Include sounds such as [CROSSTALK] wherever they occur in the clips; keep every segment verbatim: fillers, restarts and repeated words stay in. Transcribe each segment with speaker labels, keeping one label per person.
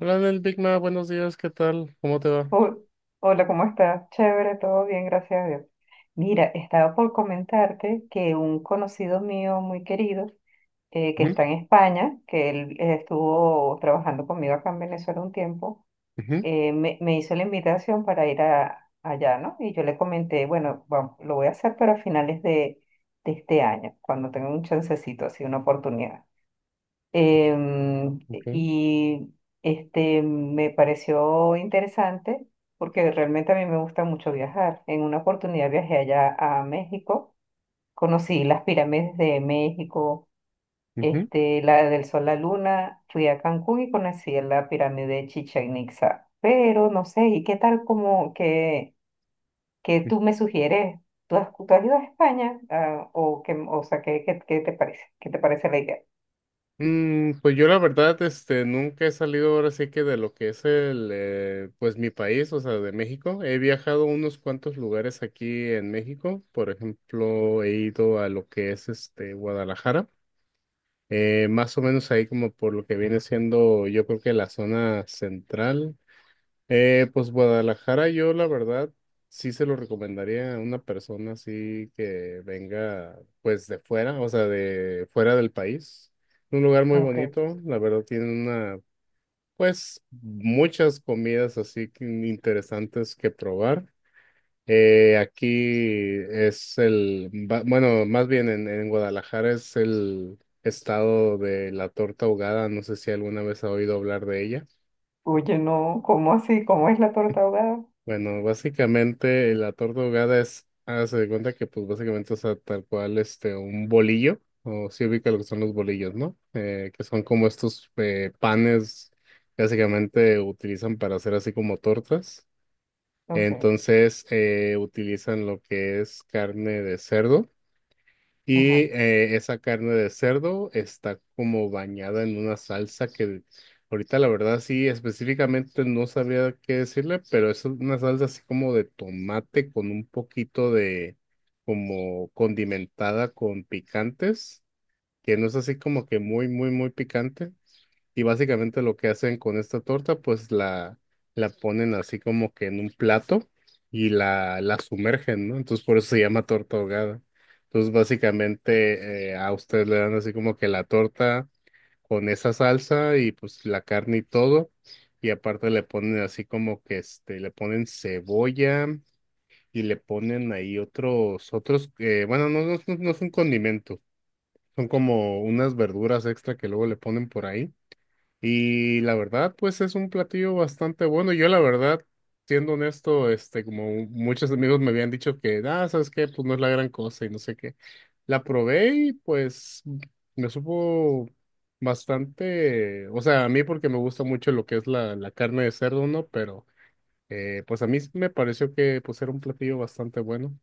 Speaker 1: Hola, Nel Big Ma, buenos días, ¿qué tal? ¿Cómo te va?
Speaker 2: Ho- Hola, ¿cómo estás? Chévere, todo bien, gracias a Dios. Mira, estaba por comentarte que un conocido mío muy querido, eh, que
Speaker 1: Ujú,
Speaker 2: está en España, que él eh, estuvo trabajando conmigo acá en Venezuela un tiempo,
Speaker 1: ujú,
Speaker 2: eh, me, me hizo la invitación para ir a, allá, ¿no? Y yo le comenté, bueno, vamos, lo voy a hacer, pero a finales de, de este año, cuando tenga un chancecito, así una oportunidad. Em,
Speaker 1: ok,
Speaker 2: y este me pareció interesante porque realmente a mí me gusta mucho viajar. En una oportunidad viajé allá a México, conocí las pirámides de México,
Speaker 1: ujú,
Speaker 2: este, la del Sol, la Luna, fui a Cancún y conocí la pirámide de Chichén Itzá. Pero no sé, ¿y qué tal como que, que,
Speaker 1: ujú.
Speaker 2: tú me sugieres? ¿Tú has, tú has ido a España? Ah, o, que, o sea, ¿qué, qué, qué te parece? ¿Qué te parece la idea?
Speaker 1: Mm, pues yo la verdad, este, nunca he salido ahora sí que de lo que es el, eh, pues mi país, o sea, de México. He viajado a unos cuantos lugares aquí en México. Por ejemplo, he ido a lo que es este Guadalajara. Eh, más o menos ahí como por lo que viene siendo, yo creo que la zona central. Eh, pues Guadalajara, yo la verdad sí se lo recomendaría a una persona así que venga pues de fuera, o sea, de fuera del país. Un lugar muy
Speaker 2: Ok.
Speaker 1: bonito, la verdad tiene una, pues muchas comidas así que interesantes que probar. Eh, aquí es el, ba- bueno, más bien en, en Guadalajara es el estado de la torta ahogada, no sé si alguna vez ha oído hablar de ella.
Speaker 2: Oye, no, ¿cómo así? ¿Cómo es la torta ahogada?
Speaker 1: Bueno, básicamente la torta ahogada es, hágase de cuenta que pues básicamente, o sea, tal cual este, un bolillo, o si ubica lo que son los bolillos, ¿no? Eh, que son como estos eh, panes que básicamente utilizan para hacer así como tortas.
Speaker 2: Ok,
Speaker 1: Entonces eh, utilizan lo que es carne de cerdo.
Speaker 2: ajá,
Speaker 1: Y eh, esa carne de cerdo está como bañada en una salsa que ahorita la verdad sí específicamente no sabría qué decirle, pero es una salsa así como de tomate con un poquito de como condimentada con picantes, que no es así como que muy, muy, muy picante. Y básicamente lo que hacen con esta torta, pues la, la ponen así como que en un plato y la, la sumergen, ¿no? Entonces por eso se llama torta ahogada. Entonces básicamente eh, a ustedes le dan así como que la torta con esa salsa y pues la carne y todo. Y aparte le ponen así como que este, le ponen cebolla y le ponen ahí otros, otros, eh, bueno, no, no, no no es un condimento, son como unas verduras extra que luego le ponen por ahí. Y la verdad, pues es un platillo bastante bueno. Yo la verdad, siendo honesto, este, como muchos amigos me habían dicho que, ah, ¿sabes qué? Pues no es la gran cosa y no sé qué. La probé y pues me supo bastante, o sea, a mí porque me gusta mucho lo que es la, la carne de cerdo, ¿no? Pero eh, pues a mí sí me pareció que pues era un platillo bastante bueno.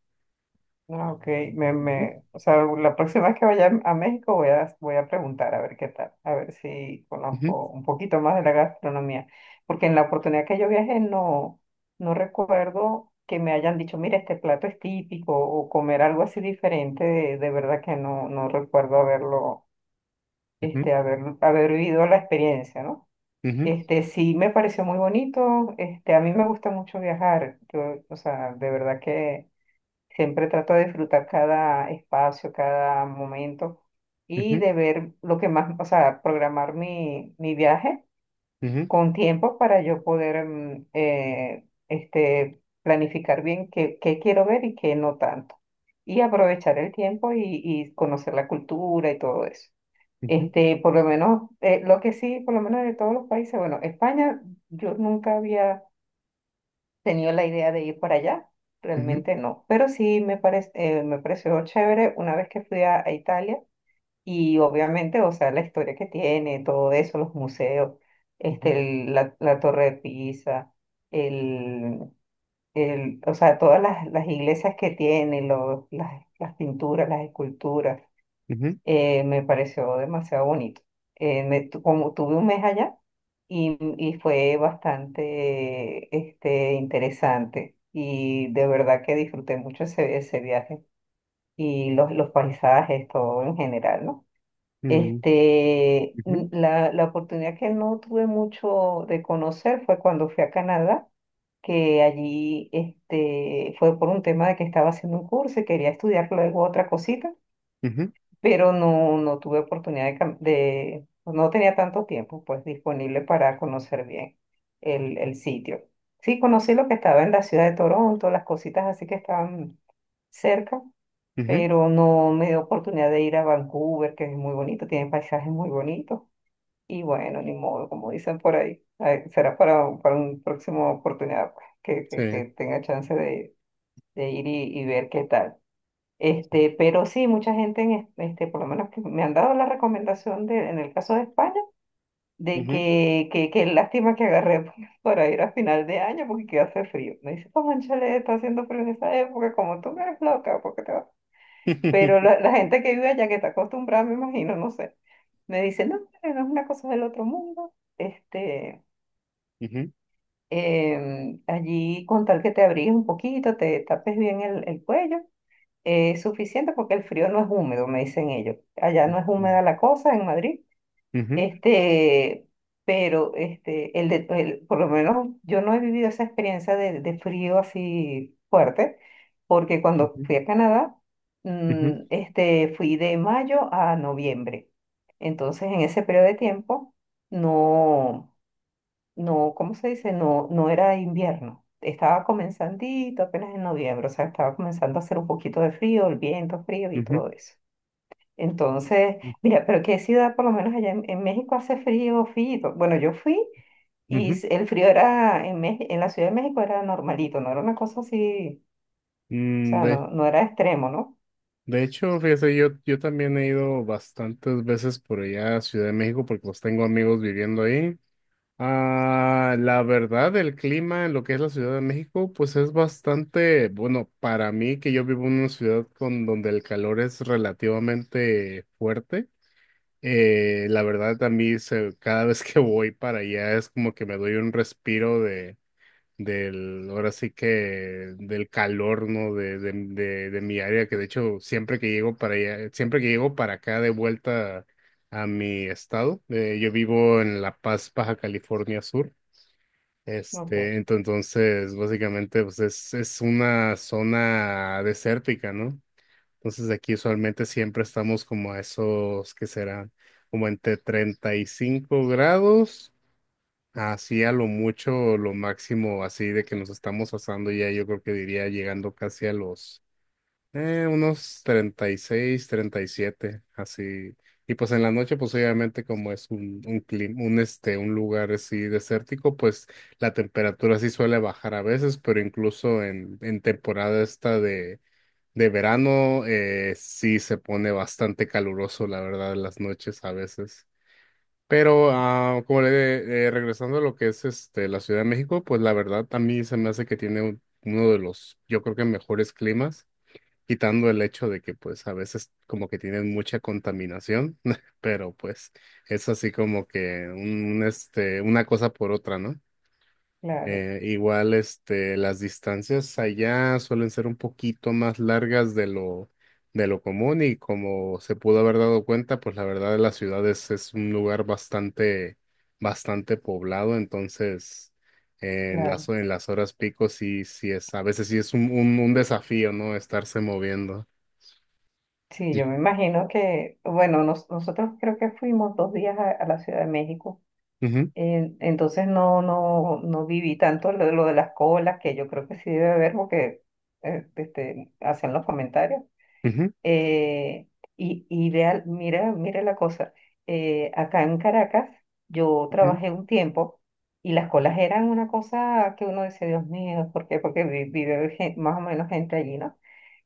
Speaker 2: no, ok, me,
Speaker 1: Ujú,
Speaker 2: me, o sea, la próxima vez que vaya a México voy a, voy a, preguntar a ver qué tal, a ver si
Speaker 1: ujú,
Speaker 2: conozco un poquito más de la gastronomía, porque en la oportunidad que yo viajé no, no, recuerdo que me hayan dicho, mira, este plato es típico, o comer algo así diferente, de, de verdad que no, no recuerdo haberlo, este, haber, haber vivido la experiencia, ¿no?
Speaker 1: ujú,
Speaker 2: Este, sí, me pareció muy bonito. Este, a mí me gusta mucho viajar. Yo, o sea, de verdad que siempre trato de disfrutar cada espacio, cada momento y
Speaker 1: ujú,
Speaker 2: de ver lo que más, o sea, programar mi, mi viaje
Speaker 1: ujú,
Speaker 2: con tiempo para yo poder mm, eh, este, planificar bien qué, qué, quiero ver y qué no tanto. Y aprovechar el tiempo y, y conocer la cultura y todo eso.
Speaker 1: ujú,
Speaker 2: Este, por lo menos, eh, lo que sí, por lo menos de todos los países, bueno, España, yo nunca había tenido la idea de ir para allá,
Speaker 1: ujú,
Speaker 2: realmente no, pero sí me parece, me pareció chévere una vez que fui a, a, Italia y obviamente, o sea, la historia que tiene, todo eso, los museos, este,
Speaker 1: ujú,
Speaker 2: el- la, la Torre de Pisa, el, el, o sea, todas las, las iglesias que tiene, los, las, las pinturas, las esculturas
Speaker 1: ujú,
Speaker 2: eh, me pareció demasiado bonito. Eh, me tu- como tuve un mes allá y, y fue bastante este, interesante y de verdad que disfruté mucho ese, ese viaje y los, los paisajes, todo en general, ¿no?
Speaker 1: ujú,
Speaker 2: Este,
Speaker 1: ujú,
Speaker 2: n- la, la oportunidad que no tuve mucho de conocer fue cuando fui a Canadá, que allí este, fue por un tema de que estaba haciendo un curso y quería estudiar luego otra cosita
Speaker 1: ujú, ujú,
Speaker 2: pero no, no tuve oportunidad de, cam- de, pues, no tenía tanto tiempo pues disponible para conocer bien el, el sitio. Sí, conocí lo que estaba en la ciudad de Toronto, las cositas así que estaban cerca,
Speaker 1: ujú.
Speaker 2: pero no me dio oportunidad de ir a Vancouver, que es muy bonito, tiene paisajes muy bonitos. Y bueno, ni modo, como dicen por ahí, ay, será para, un- para una próxima oportunidad pues, que, que,
Speaker 1: Sí.
Speaker 2: que tenga chance de, de ir y, y ver qué tal. Este, pero sí, mucha gente, en es- este, por lo menos que me han dado la recomendación de, en el caso de España, de
Speaker 1: Ujú.
Speaker 2: que, que, que lástima que agarré [LAUGHS] p- para ir a [LAUGHS] final de año porque que hace frío. Me dice, como chale, está haciendo frío en esa época, como tú no eres loca, porque te vas? Pero la,
Speaker 1: [LAUGHS]
Speaker 2: la gente que vive allá, que está acostumbrada, me imagino, no sé, me dice, no, hombre, no es una cosa del otro mundo. Este,
Speaker 1: Ujú.
Speaker 2: em, allí con tal que te abrigues un poquito, te tapes bien el, el cuello. Eh, suficiente porque el frío no es húmedo, me dicen ellos. Allá no es húmeda la cosa en Madrid.
Speaker 1: Ujú.
Speaker 2: Este, pero este, el de, el- por lo menos yo no he vivido esa experiencia de, de frío así fuerte, porque cuando
Speaker 1: Ujú.
Speaker 2: fui a Canadá,
Speaker 1: Ujú.
Speaker 2: mm, este, fui de mayo a noviembre. Entonces, en ese periodo de tiempo, no no, ¿cómo se dice? No, no era invierno. Estaba comenzandito apenas en noviembre, o sea, estaba comenzando a hacer un poquito de frío, el viento frío y
Speaker 1: Ujú.
Speaker 2: todo eso. Entonces, mira, pero qué ciudad, por lo menos allá en, en México hace frío, frío. Bueno, yo fui y
Speaker 1: Ujú.
Speaker 2: s- el frío era en, Mex- en la Ciudad de México era normalito, no era una cosa así, o
Speaker 1: Mm,
Speaker 2: sea,
Speaker 1: De,
Speaker 2: no, no era extremo, ¿no?
Speaker 1: de hecho, fíjese, yo, yo también he ido bastantes veces por allá a Ciudad de México porque los tengo amigos viviendo ahí. Ah, la verdad, el clima en lo que es la Ciudad de México, pues es bastante, bueno, para mí que yo vivo en una ciudad con donde el calor es relativamente fuerte. eh, la verdad, a mí se- cada vez que voy para allá es como que me doy un respiro de, del, ahora sí que del calor, ¿no? De, de, de, de mi área, que de hecho siempre que llego para allá, siempre que llego para acá de vuelta a mi estado, eh, yo vivo en La Paz, Baja California Sur. Este,
Speaker 2: Ok,
Speaker 1: ento- entonces, básicamente, pues es, es una zona desértica, ¿no? Entonces aquí usualmente siempre estamos como a esos, que será como entre treinta y cinco grados, así a lo mucho, lo máximo, así de que nos estamos asando ya, yo creo que diría llegando casi a los eh, unos treinta y seis, treinta y siete, así. Y pues en la noche, pues obviamente como es un, un clima, un este, un lugar así desértico, pues la temperatura sí suele bajar a veces, pero incluso en, en temporada esta de, de verano, eh, sí se pone bastante caluroso, la verdad, las noches a veces. Pero ah, como le- eh, regresando a lo que es este la Ciudad de México, pues la verdad a mí se me hace que tiene un- uno de los, yo creo que mejores climas, quitando el hecho de que pues a veces como que tienen mucha contaminación, [LAUGHS] pero pues es así como que un un, este una cosa por otra, ¿no?
Speaker 2: claro,
Speaker 1: Eh, igual, este, las distancias allá suelen ser un poquito más largas de lo, de lo común y como se pudo haber dado cuenta, pues la verdad las ciudades es es un lugar bastante, bastante poblado, entonces en
Speaker 2: claro.
Speaker 1: las, en las horas pico sí, sí es, a veces sí es un, un, un desafío, ¿no? Estarse moviendo.
Speaker 2: Sí, yo me imagino que, bueno, nos- nosotros creo que fuimos dos días a a la Ciudad de México.
Speaker 1: Ujú,
Speaker 2: En- Entonces no, no, no viví tanto lo, lo de las colas, que yo creo que sí debe haber porque eh, este, hacen los comentarios.
Speaker 1: ujú,
Speaker 2: Eh, y y vea- Mira, mira la cosa. Eh, acá en Caracas yo
Speaker 1: ujú,
Speaker 2: trabajé un tiempo y las colas eran una cosa que uno dice, Dios mío, ¿por qué? Porque vi- vive gen- más o menos gente allí, ¿no?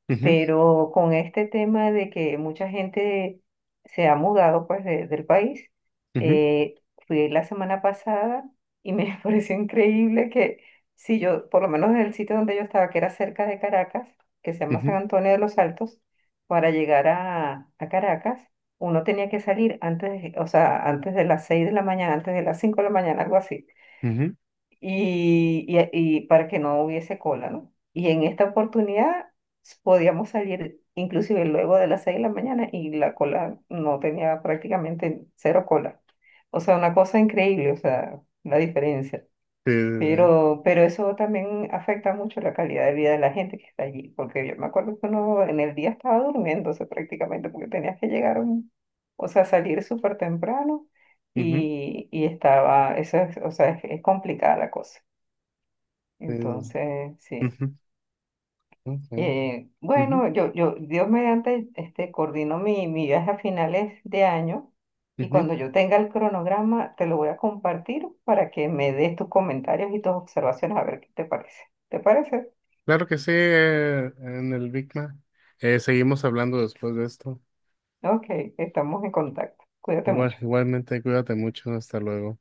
Speaker 1: ujú,
Speaker 2: Pero con este tema de que mucha gente se ha mudado pues de- del país,
Speaker 1: ujú,
Speaker 2: eh, fui la semana pasada y me [LAUGHS] pareció increíble que si yo, por lo menos en el sitio donde yo estaba, que era cerca de Caracas, que se llama San
Speaker 1: ujú,
Speaker 2: Antonio de los Altos, para llegar a, a Caracas, uno tenía que salir antes, de- o sea, antes de las seis de la mañana, antes de las cinco de la mañana, algo así
Speaker 1: ujú. Ujú.
Speaker 2: y, y- y para que no hubiese cola, ¿no? Y en esta oportunidad podíamos salir inclusive luego de las seis de la mañana y la cola no tenía prácticamente cero cola. O sea, una cosa increíble, o sea, la diferencia.
Speaker 1: Sí, sí, sí.
Speaker 2: Pero, pero eso también afecta mucho la calidad de vida de la gente que está allí, porque yo me acuerdo que uno en el día estaba durmiéndose prácticamente, porque tenías que llegar, a un- o sea, salir súper temprano
Speaker 1: Ujú,
Speaker 2: y, y estaba, eso es, o sea, es es complicada la cosa.
Speaker 1: sí, sí, sí.
Speaker 2: Entonces, sí.
Speaker 1: Ujú, ujú,
Speaker 2: Eh,
Speaker 1: ujú,
Speaker 2: bueno, yo, yo, Dios mediante, este, coordino mi, mi viaje a finales de año y
Speaker 1: ujú.
Speaker 2: cuando yo tenga el cronograma te lo voy a compartir para que me des tus comentarios y tus observaciones a ver qué te parece. ¿Te parece?
Speaker 1: Claro que sí, eh, en el Big Mac. Eh, seguimos hablando después de esto.
Speaker 2: Ok, estamos en contacto. Cuídate
Speaker 1: Igual,
Speaker 2: mucho.
Speaker 1: igualmente, cuídate mucho. Hasta luego.